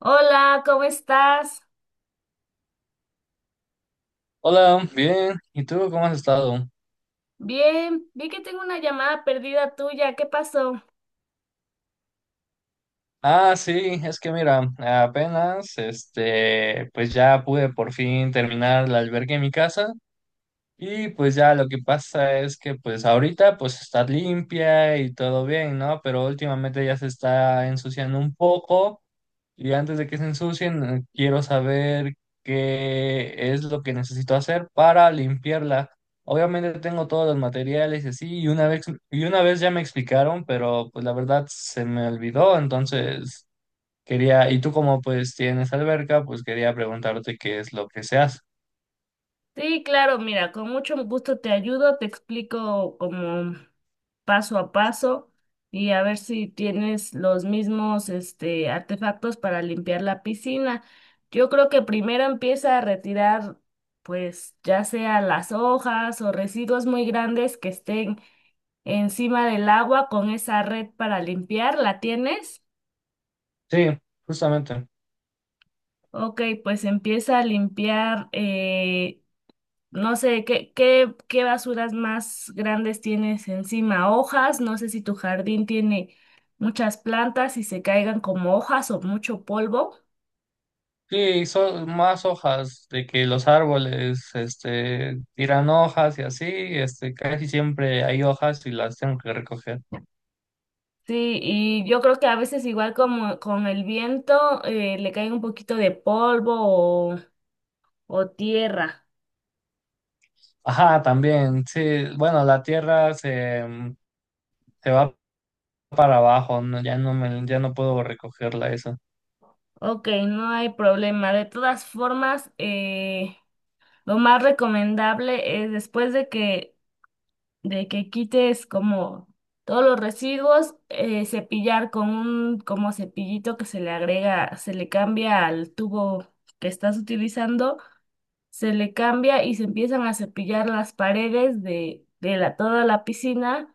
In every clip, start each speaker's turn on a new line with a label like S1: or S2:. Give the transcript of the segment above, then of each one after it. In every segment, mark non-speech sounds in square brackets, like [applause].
S1: Hola, ¿cómo estás?
S2: Hola, bien. ¿Y tú cómo has estado?
S1: Bien, vi que tengo una llamada perdida tuya. ¿Qué pasó?
S2: Ah, sí, es que mira, apenas, este, pues ya pude por fin terminar la albergue en mi casa. Y pues ya lo que pasa es que pues ahorita pues está limpia y todo bien, ¿no? Pero últimamente ya se está ensuciando un poco y antes de que se ensucien quiero saber qué es lo que necesito hacer para limpiarla. Obviamente tengo todos los materiales y así y una vez ya me explicaron, pero pues la verdad se me olvidó. Entonces quería y tú como pues tienes alberca, pues quería preguntarte qué es lo que se hace.
S1: Sí, claro, mira, con mucho gusto te ayudo, te explico como paso a paso y a ver si tienes los mismos artefactos para limpiar la piscina. Yo creo que primero empieza a retirar, pues ya sea las hojas o residuos muy grandes que estén encima del agua con esa red para limpiar. ¿La tienes?
S2: Sí, justamente.
S1: Ok, pues empieza a limpiar, no sé, ¿qué basuras más grandes tienes encima? Hojas, no sé si tu jardín tiene muchas plantas y se caigan como hojas o mucho polvo.
S2: Sí, son más hojas de que los árboles, este, tiran hojas y así, este, casi siempre hay hojas y las tengo que recoger.
S1: Sí, y yo creo que a veces igual como con el viento le cae un poquito de polvo o, o tierra.
S2: Ajá, también, sí, bueno, la tierra se va para abajo. No, ya no puedo recogerla eso.
S1: Ok, no hay problema. De todas formas, lo más recomendable es después de que quites como todos los residuos, cepillar con un como cepillito que se le agrega, se le cambia al tubo que estás utilizando, se le cambia y se empiezan a cepillar las paredes de toda la piscina.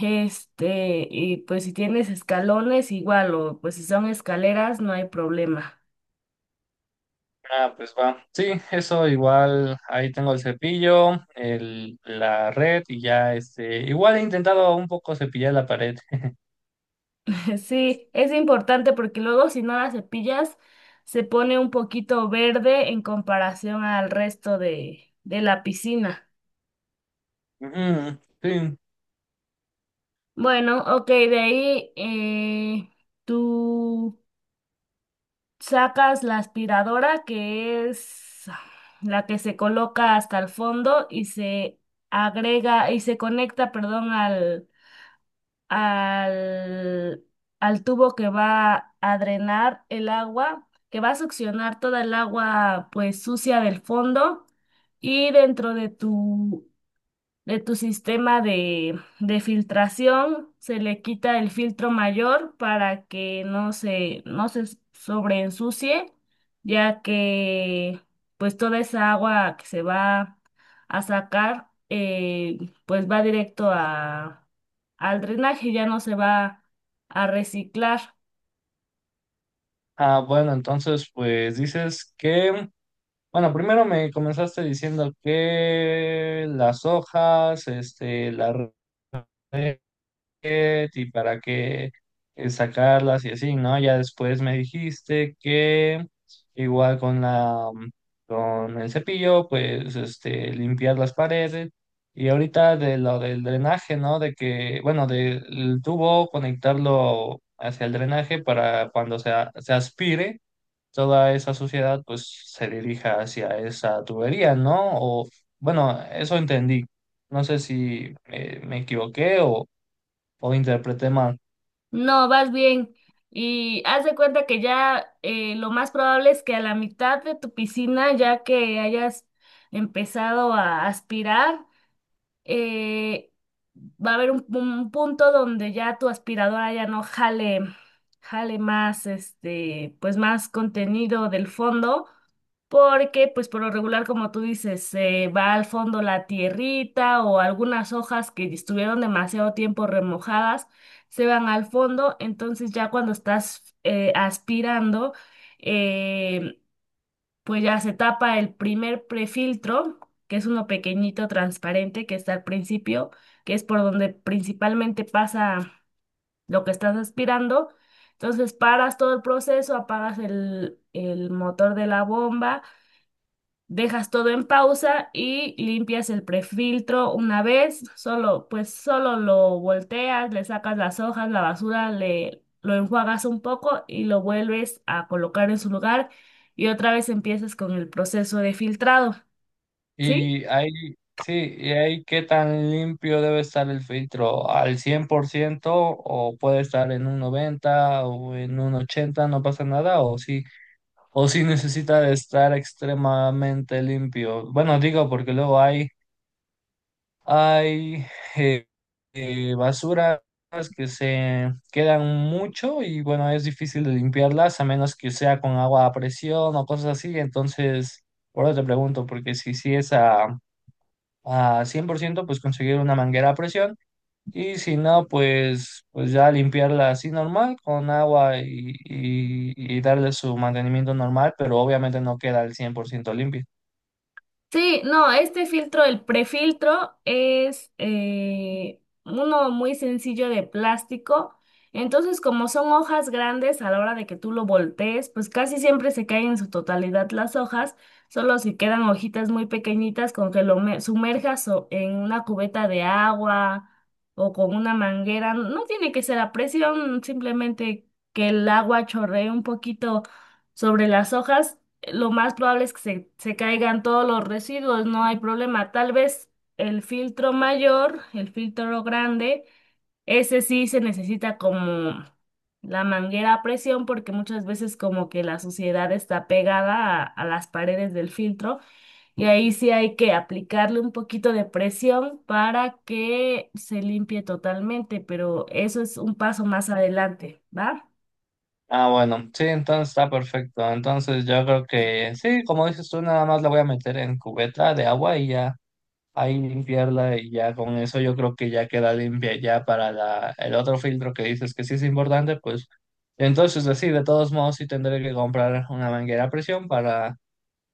S1: Y pues si tienes escalones, igual, o pues si son escaleras, no hay problema.
S2: Ah, pues va. Sí, eso igual, ahí tengo el cepillo, la red y ya, este, igual he intentado un poco cepillar la pared.
S1: [laughs] Sí, es importante porque luego si no la cepillas se pone un poquito verde en comparación al resto de la piscina.
S2: Ujú, sí.
S1: Bueno, ok, de ahí tú sacas la aspiradora que es la que se coloca hasta el fondo y se agrega y se conecta, perdón, al, al tubo que va a drenar el agua, que va a succionar toda el agua pues sucia del fondo y dentro de tu sistema de filtración, se le quita el filtro mayor para que no se sobreensucie, ya que pues toda esa agua que se va a sacar, pues va directo al drenaje, ya no se va a reciclar.
S2: Ah, bueno, entonces pues dices que... Bueno, primero me comenzaste diciendo que las hojas, este, la red y para qué sacarlas y así, ¿no? Ya después me dijiste que igual con la mm, con el cepillo, pues este, limpiar las paredes. Y ahorita de lo del drenaje, ¿no? De que, bueno, del tubo conectarlo hacia el drenaje para cuando se aspire toda esa suciedad, pues se dirija hacia esa tubería, ¿no? O bueno, eso entendí. No sé si me equivoqué o interpreté mal.
S1: No, vas bien. Y haz de cuenta que ya lo más probable es que a la mitad de tu piscina, ya que hayas empezado a aspirar, eh, va a haber un punto donde ya tu aspiradora ya no jale, jale más, pues más contenido del fondo, porque pues por lo regular, como tú dices, va al fondo la tierrita o algunas hojas que estuvieron demasiado tiempo remojadas, se van al fondo, entonces ya cuando estás aspirando, eh, pues ya se tapa el primer prefiltro, que es uno pequeñito transparente que está al principio, que es por donde principalmente pasa lo que estás aspirando. Entonces paras todo el proceso, apagas el motor de la bomba. Dejas todo en pausa y limpias el prefiltro una vez, solo, pues solo lo volteas, le sacas las hojas, la basura, le lo enjuagas un poco y lo vuelves a colocar en su lugar y otra vez empiezas con el proceso de filtrado, ¿sí?
S2: Y ahí, sí, y ahí qué tan limpio debe estar el filtro, ¿al 100% o puede estar en un 90 o en un 80 no pasa nada? ¿O sí necesita de estar extremadamente limpio? Bueno, digo porque luego hay... Hay eh, basuras que se quedan mucho y bueno, es difícil de limpiarlas a menos que sea con agua a presión o cosas así. Entonces, por eso te pregunto, porque si, sí es a 100%, pues conseguir una manguera a presión. Y si no, pues ya limpiarla así normal con agua y darle su mantenimiento normal, pero obviamente no queda al 100% limpia.
S1: Sí, no, este filtro, el prefiltro, es uno muy sencillo de plástico. Entonces, como son hojas grandes, a la hora de que tú lo voltees, pues casi siempre se caen en su totalidad las hojas, solo si quedan hojitas muy pequeñitas con que lo sumerjas en una cubeta de agua o con una manguera. No tiene que ser a presión, simplemente que el agua chorree un poquito sobre las hojas lo más probable es que se caigan todos los residuos, no hay problema. Tal vez el filtro mayor, el filtro grande, ese sí se necesita como la manguera a presión porque muchas veces como que la suciedad está pegada a las paredes del filtro y ahí sí hay que aplicarle un poquito de presión para que se limpie totalmente, pero eso es un paso más adelante, ¿va?
S2: Ah, bueno, sí, entonces está perfecto. Entonces yo creo que sí, como dices tú, nada más la voy a meter en cubeta de agua y ya ahí limpiarla. Y ya con eso yo creo que ya queda limpia ya para la, el otro filtro que dices que sí es importante. Pues entonces así, de todos modos sí tendré que comprar una manguera a presión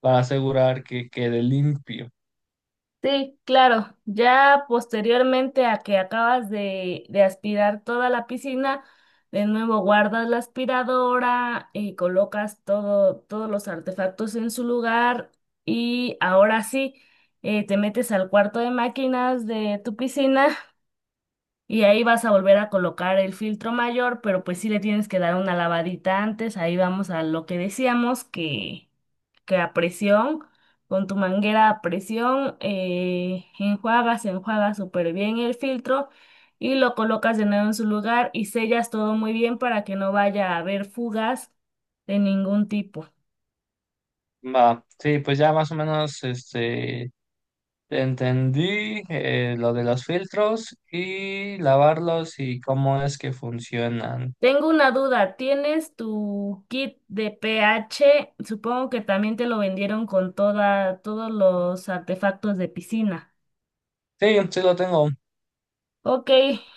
S2: para asegurar que quede limpio.
S1: Sí, claro. Ya posteriormente a que acabas de aspirar toda la piscina, de nuevo guardas la aspiradora y colocas todos los artefactos en su lugar y ahora sí te metes al cuarto de máquinas de tu piscina y ahí vas a volver a colocar el filtro mayor, pero pues sí le tienes que dar una lavadita antes. Ahí vamos a lo que decíamos que a presión, con tu manguera a presión, enjuagas súper bien el filtro y lo colocas de nuevo en su lugar y sellas todo muy bien para que no vaya a haber fugas de ningún tipo.
S2: Va, sí, pues ya más o menos este... Entendí lo de los filtros y lavarlos y cómo es que funcionan.
S1: Tengo una duda, ¿tienes tu kit de pH? Supongo que también te lo vendieron con todos los artefactos de piscina.
S2: Sí, sí lo tengo.
S1: Ok,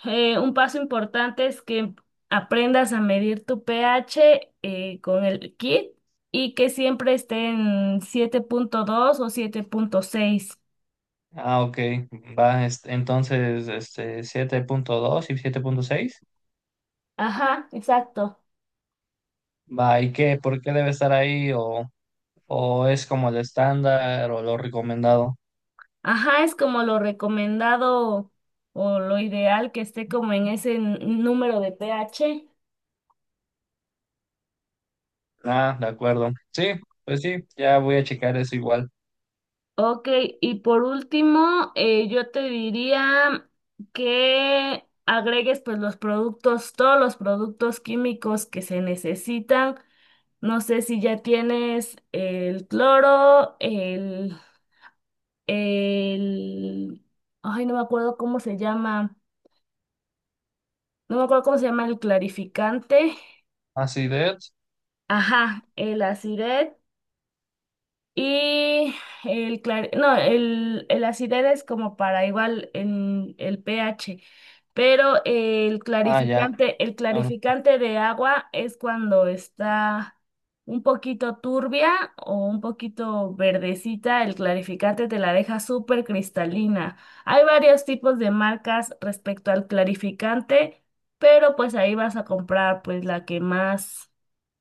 S1: un paso importante es que aprendas a medir tu pH con el kit y que siempre esté en 7.2 o 7.6.
S2: Ah, ok. Va, entonces, este, 7.2 y 7.6.
S1: Ajá, exacto.
S2: Va, ¿y qué? ¿Por qué debe estar ahí? ¿O es como el estándar o lo recomendado?
S1: Ajá, es como lo recomendado o lo ideal que esté como en ese número de pH.
S2: Ah, de acuerdo. Sí, pues sí, ya voy a checar eso igual.
S1: Ok, y por último, yo te diría que agregues pues los productos, todos los productos químicos que se necesitan. No sé si ya tienes el cloro, el, ay, no me acuerdo cómo se llama, no me acuerdo cómo se llama el clarificante,
S2: Acidez.
S1: ajá, el aciret. Y el el acidez es como para igual en el pH, pero
S2: Ah, ya.
S1: el
S2: Ah,
S1: clarificante de agua es cuando está un poquito turbia o un poquito verdecita, el clarificante te la deja súper cristalina. Hay varios tipos de marcas respecto al clarificante, pero pues ahí vas a comprar pues la que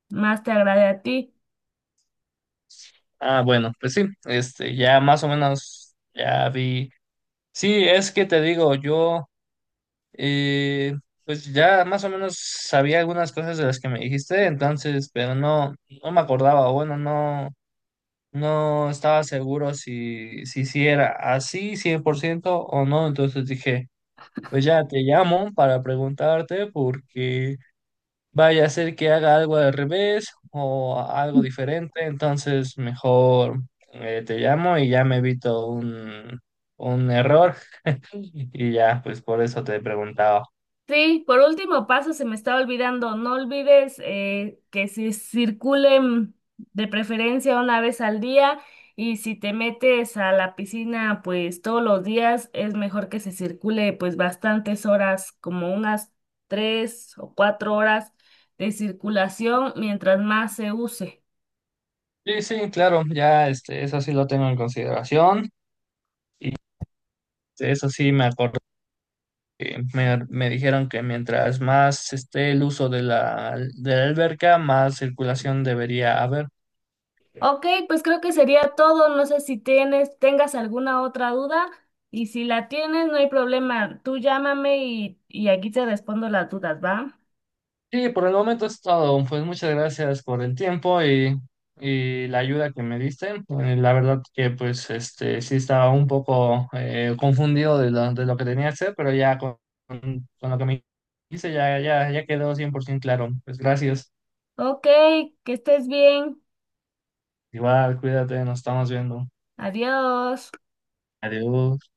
S1: más te agrade a ti.
S2: ah, bueno, pues sí, este, ya más o menos ya vi. Sí, es que te digo, yo eh, pues ya más o menos sabía algunas cosas de las que me dijiste. Entonces, pero no, no me acordaba, o bueno, no, no estaba seguro si era así 100% o no. Entonces dije, pues ya te llamo para preguntarte porque vaya a ser que haga algo al revés o algo diferente. Entonces mejor te llamo y ya me evito un error. Y ya, pues por eso te preguntaba.
S1: Sí, por último paso, se me estaba olvidando, no olvides que si circulen de preferencia una vez al día y si te metes a la piscina pues todos los días es mejor que se circule pues bastantes horas, como unas 3 o 4 horas de circulación mientras más se use.
S2: Sí, sí, claro, ya este, eso sí lo tengo en consideración. Eso sí me acuerdo que me dijeron que mientras más esté el uso de la alberca, más circulación debería haber.
S1: Ok, pues creo que sería todo. No sé si tengas alguna otra duda y si la tienes, no hay problema. Tú llámame y aquí te respondo las dudas, ¿va?
S2: Sí, por el momento es todo. Pues muchas gracias por el tiempo y la ayuda que me diste. La verdad que pues este sí estaba un poco confundido de lo que tenía que hacer, pero ya con lo que me hice ya quedó 100% claro. Pues gracias.
S1: Ok, que estés bien.
S2: Igual, cuídate, nos estamos viendo.
S1: Adiós.
S2: Adiós.